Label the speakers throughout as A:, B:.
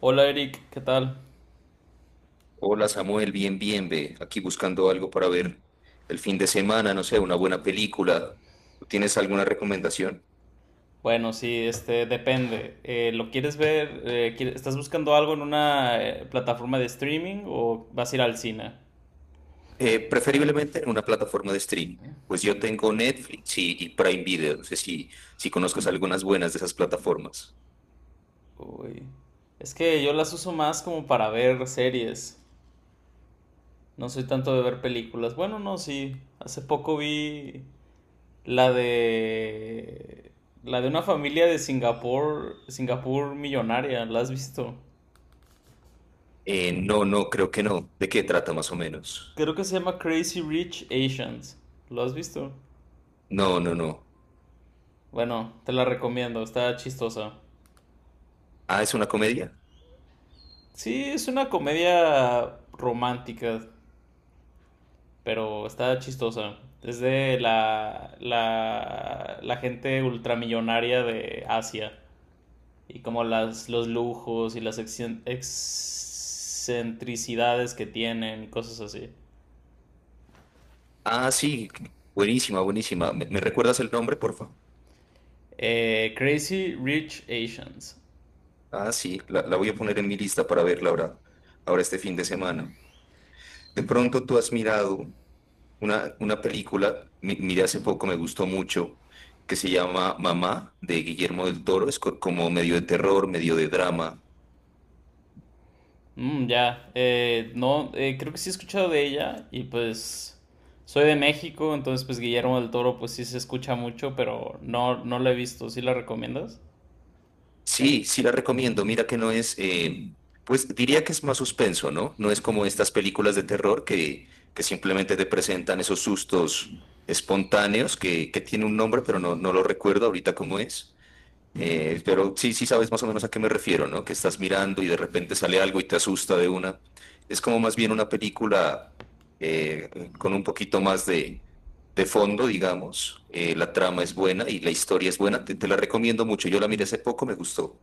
A: Hola Eric, ¿qué tal?
B: Hola Samuel, bien, bien, ve. Aquí buscando algo para ver el fin de semana, no sé, una buena película. ¿Tú ¿Tienes alguna recomendación?
A: Bueno, sí, depende. ¿Lo quieres ver? ¿Estás buscando algo en una plataforma de streaming o vas a ir al cine?
B: Preferiblemente en una plataforma de streaming. Pues yo tengo Netflix y Prime Video. No sé si, Si conozcas algunas buenas de esas plataformas.
A: Uy. Es que yo las uso más como para ver series. No soy tanto de ver películas. Bueno, no, sí. Hace poco vi la de la de una familia de Singapur, Singapur millonaria. ¿La has visto?
B: No, no, creo que no. ¿De qué trata más o menos?
A: Creo que se llama Crazy Rich Asians. ¿Lo has visto?
B: No, no, no.
A: Bueno, te la recomiendo, está chistosa.
B: Ah, ¿es una comedia?
A: Sí, es una comedia romántica, pero está chistosa. Es de la gente ultramillonaria de Asia y como los lujos y las excentricidades que tienen y cosas así.
B: Ah, sí, buenísima, buenísima. ¿ Me recuerdas el nombre, por favor?
A: Crazy Rich Asians.
B: Ah, sí, la voy a poner en mi lista para verla ahora, ahora este fin de semana. De pronto tú has mirado una película, miré hace poco, me gustó mucho, que se llama Mamá, de Guillermo del Toro. Es como medio de terror, medio de drama.
A: Ya, no, creo que sí he escuchado de ella y pues soy de México, entonces pues Guillermo del Toro pues sí se escucha mucho, pero no, no la he visto, ¿sí la recomiendas?
B: Sí, sí la recomiendo. Mira que no es. Pues diría que es más suspenso, ¿no? No es como estas películas de terror que simplemente te presentan esos sustos espontáneos que tiene un nombre, pero no, no lo recuerdo ahorita cómo es. Pero sí, sí sabes más o menos a qué me refiero, ¿no? Que estás mirando y de repente sale algo y te asusta de una. Es como más bien una película eh, con un poquito más de fondo, digamos. La trama es buena y la historia es buena. Te la recomiendo mucho. Yo la miré hace poco, me gustó.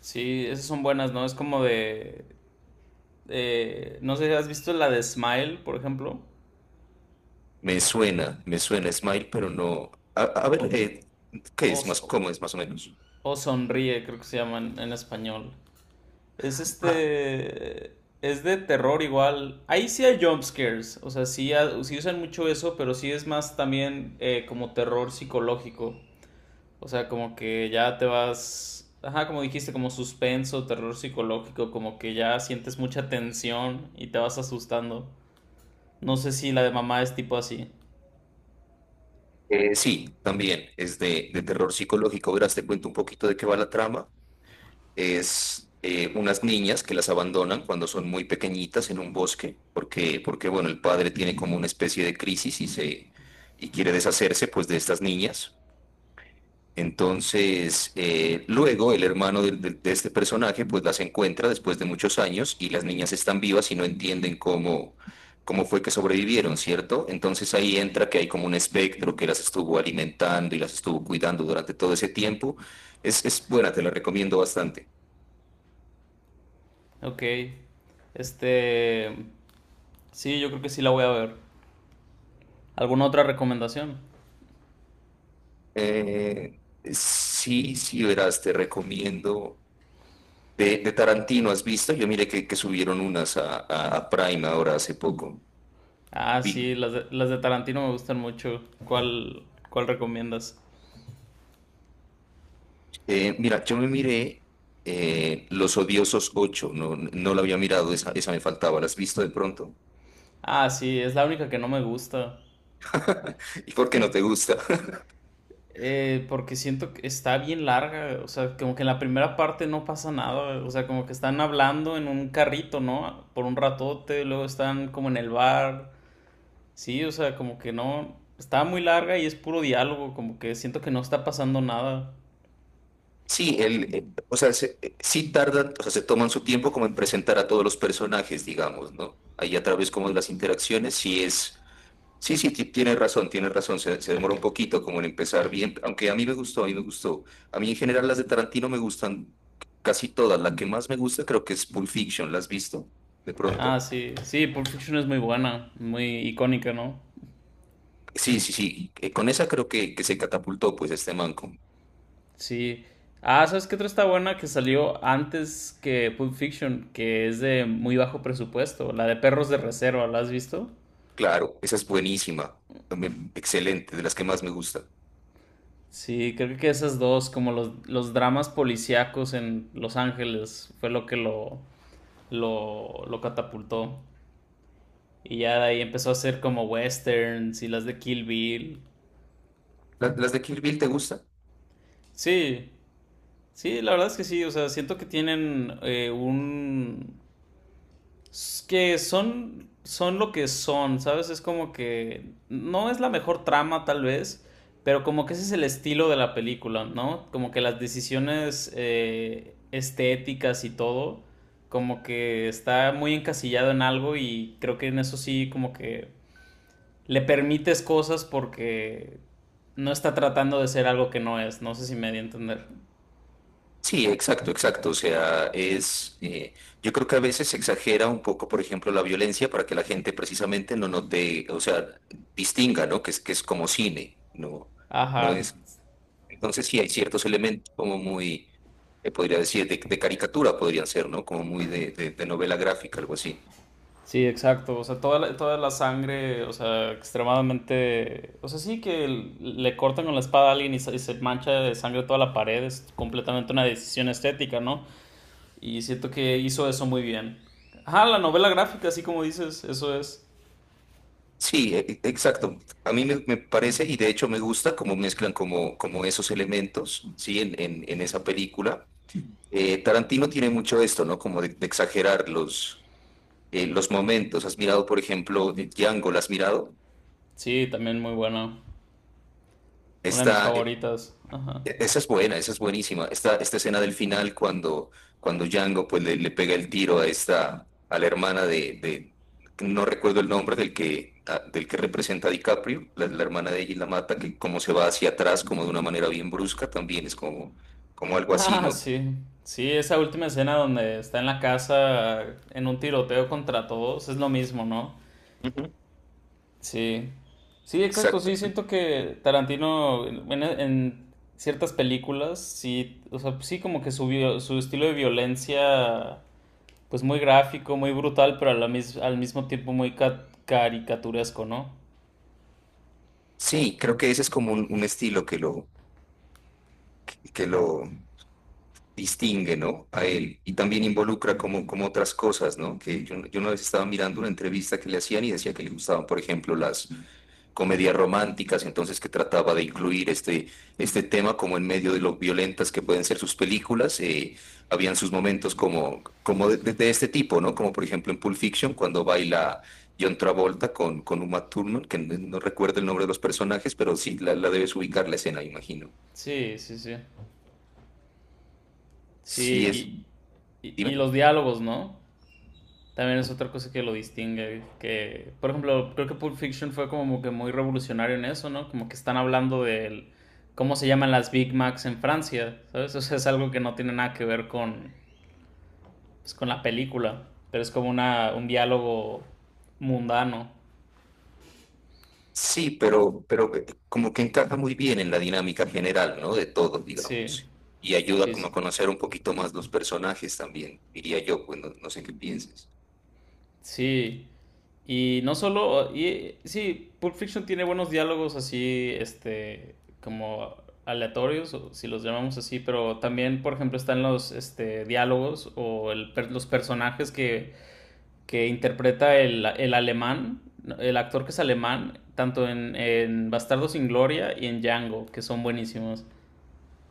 A: Sí, esas son buenas, ¿no? Es como de, no sé, ¿has visto la de Smile, por ejemplo?
B: Me suena Smile, pero no. A
A: O,
B: ver, ¿qué
A: o,
B: es más?
A: so-
B: ¿Cómo es más o menos?
A: o Sonríe, creo que se llaman en español. Es
B: Ah,
A: este. Es de terror igual. Ahí sí hay jumpscares. O sea, sí, sí usan mucho eso, pero sí es más también como terror psicológico. O sea, como que ya te vas. Ajá, como dijiste, como suspenso, terror psicológico. Como que ya sientes mucha tensión y te vas asustando. No sé si la de mamá es tipo así.
B: Sí, también es de terror psicológico. Verás, te cuento un poquito de qué va la trama. Es unas niñas que las abandonan cuando son muy pequeñitas en un bosque, porque, porque bueno, el padre tiene como una especie de crisis y se y quiere deshacerse pues de estas niñas. Entonces, luego el hermano de este personaje pues las encuentra después de muchos años y las niñas están vivas y no entienden cómo, cómo fue que sobrevivieron, ¿cierto? Entonces ahí entra que hay como un espectro que las estuvo alimentando y las estuvo cuidando durante todo ese tiempo. Es buena, te la recomiendo bastante.
A: Ok. Este. Sí, yo creo que sí la voy a ver. ¿Alguna otra recomendación?
B: Eh, sí, sí, verás, te recomiendo. De Tarantino, ¿has visto? Yo miré que subieron unas a Prime ahora hace poco.
A: Ah, sí,
B: Vi-
A: las de Tarantino me gustan mucho. ¿Cuál recomiendas?
B: Mira, yo me miré Los Odiosos ocho. No, no la había mirado, esa me faltaba. ¿La has visto de pronto?
A: Ah, sí, es la única que no me gusta.
B: ¿Y por qué no te gusta?
A: Porque siento que está bien larga, o sea, como que en la primera parte no pasa nada, o sea, como que están hablando en un carrito, ¿no? Por un ratote, luego están como en el bar, sí, o sea, como que no, está muy larga y es puro diálogo, como que siento que no está pasando nada.
B: Sí, o sea, sí tardan, o sea, se toman su tiempo como en presentar a todos los personajes, digamos, ¿no? Ahí a través como de las interacciones, sí es. Sí, sí, tienes razón, se demora un poquito como en empezar bien, aunque a mí me gustó, a mí me gustó. A mí en general las de Tarantino me gustan casi todas, la que más me gusta creo que es Pulp Fiction, ¿la has visto? De
A: Ah,
B: pronto.
A: sí, sí, Pulp Fiction es muy buena, muy icónica, ¿no?
B: Sí, sí, sí, con esa creo que se catapultó pues este manco.
A: Sí. Ah, ¿sabes qué otra está buena que salió antes que Pulp Fiction? Que es de muy bajo presupuesto. La de Perros de Reserva, ¿la has visto?
B: Claro, esa es buenísima, también excelente, de las que más me gusta.
A: Sí, creo que esas dos, como los dramas policíacos en Los Ángeles, fue lo que lo catapultó. Y ya de ahí empezó a hacer como westerns y las de Kill Bill.
B: ¿Las de Kill Bill te gustan?
A: Sí, sí, la verdad es que sí. O sea, siento que tienen que son, son lo que son, ¿sabes? Es como que no es la mejor trama tal vez, pero como que ese es el estilo de la película, ¿no? Como que las decisiones estéticas y todo, como que está muy encasillado en algo y creo que en eso sí como que le permites cosas porque no está tratando de ser algo que no es, no sé si me di a entender.
B: Sí, exacto, exacto. O sea, yo creo que a veces se exagera un poco, por ejemplo, la violencia para que la gente precisamente no note, o sea, distinga, ¿no? Que es como cine, ¿no? No
A: Ajá.
B: es. Entonces sí hay ciertos elementos como muy, podría decir, de caricatura podrían ser, ¿no? Como muy de novela gráfica, algo así.
A: Sí, exacto. O sea, toda la sangre, o sea, extremadamente... O sea, sí que le cortan con la espada a alguien y y se mancha de sangre toda la pared. Es completamente una decisión estética, ¿no? Y siento que hizo eso muy bien. Ajá, la novela gráfica, así como dices, eso es.
B: Sí, exacto. A mí me parece y de hecho me gusta cómo mezclan como, como esos elementos, ¿sí? En esa película. Tarantino tiene mucho esto, ¿no? Como de exagerar los momentos. ¿Has mirado, por ejemplo, Django? ¿La has mirado?
A: Sí, también muy buena. Una de mis
B: Esta, eh,
A: favoritas. Ajá.
B: esa es buena, esa es buenísima. Esta escena del final cuando, cuando Django pues, le pega el tiro a esta, a la hermana de. No recuerdo el nombre del que, del que representa a DiCaprio, la hermana de ella y la mata, que como se va hacia atrás, como de una manera bien brusca, también es como, como algo así,
A: Ah,
B: ¿no?
A: sí. Sí, esa última escena donde está en la casa en un tiroteo contra todos, es lo mismo, ¿no?
B: Ujú.
A: Sí, sí, exacto,
B: Exacto,
A: sí,
B: exacto.
A: siento que Tarantino en ciertas películas, sí, o sea, sí como que su estilo de violencia, pues muy gráfico, muy brutal, pero a la al mismo tiempo muy caricaturesco, ¿no?
B: Sí, creo que ese es como un estilo que lo distingue, ¿no? A él. Y también involucra como, como otras cosas, ¿no? Que yo una vez estaba mirando una entrevista que le hacían y decía que le gustaban, por ejemplo, las comedias románticas, entonces que trataba de incluir este, este tema como en medio de lo violentas que pueden ser sus películas. Habían sus momentos como, como de este tipo, ¿no? Como por ejemplo en Pulp Fiction, cuando baila John Travolta con Uma Thurman, que no recuerdo el nombre de los personajes, pero sí la debes ubicar la escena, imagino.
A: Sí, sí, sí.
B: Sí es,
A: Sí, y
B: dime.
A: los diálogos, ¿no? También es otra cosa que lo distingue, que, por ejemplo, creo que Pulp Fiction fue como que muy revolucionario en eso, ¿no? Como que están hablando de cómo se llaman las Big Macs en Francia, ¿sabes? O sea, es algo que no tiene nada que ver con, pues, con la película, pero es como un diálogo mundano.
B: Sí, pero, como que encaja muy bien en la dinámica general, ¿no? De todos,
A: Sí,
B: digamos. Y ayuda
A: sí,
B: como
A: sí.
B: a conocer un poquito más los personajes también, diría yo, pues no, no sé qué pienses.
A: Sí. Y no solo, y, sí, Pulp Fiction tiene buenos diálogos así, como aleatorios, o si los llamamos así, pero también, por ejemplo, están diálogos o los personajes que interpreta el alemán, el actor que es alemán, tanto en Bastardo sin Gloria y en Django, que son buenísimos.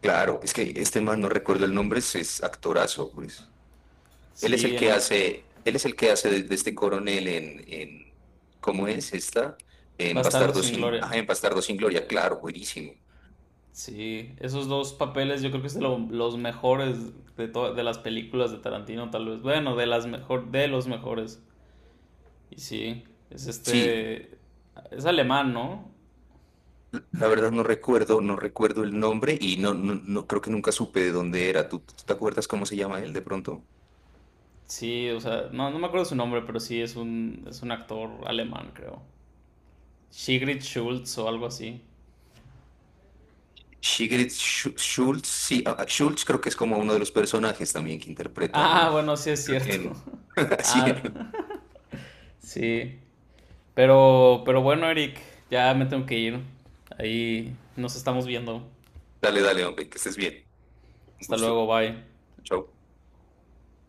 B: Claro, es que este man, no recuerdo el nombre, es actorazo, pues. Él es
A: Sí,
B: el
A: en
B: que
A: la...
B: hace, él es el que hace de este coronel en ¿cómo es esta? En
A: Bastardo
B: Bastardo
A: sin
B: sin, ah,
A: Gloria.
B: en Bastardo sin Gloria, claro, buenísimo.
A: Sí, esos dos papeles yo creo que es de los mejores de de las películas de Tarantino, tal vez. Bueno, de las mejor de los mejores. Y sí, es
B: Sí,
A: es alemán, ¿no?
B: la verdad no recuerdo, no recuerdo el nombre y no, creo que nunca supe de dónde era. ¿ Tú te acuerdas cómo se llama él de pronto?
A: Sí, o sea, no, no me acuerdo su nombre, pero sí es un actor alemán, creo. Sigrid Schultz o algo así.
B: Schultz, sí, ah, ah, Schultz creo que es como uno de los personajes también que interpreta,
A: Ah,
B: ¿no?
A: bueno, sí es
B: Creo que
A: cierto.
B: él. Así.
A: Ah, sí. Pero bueno, Eric, ya me tengo que ir. Ahí nos estamos viendo.
B: Dale, dale, hombre, que estés bien. Un
A: Hasta
B: gusto.
A: luego, bye.
B: Chao.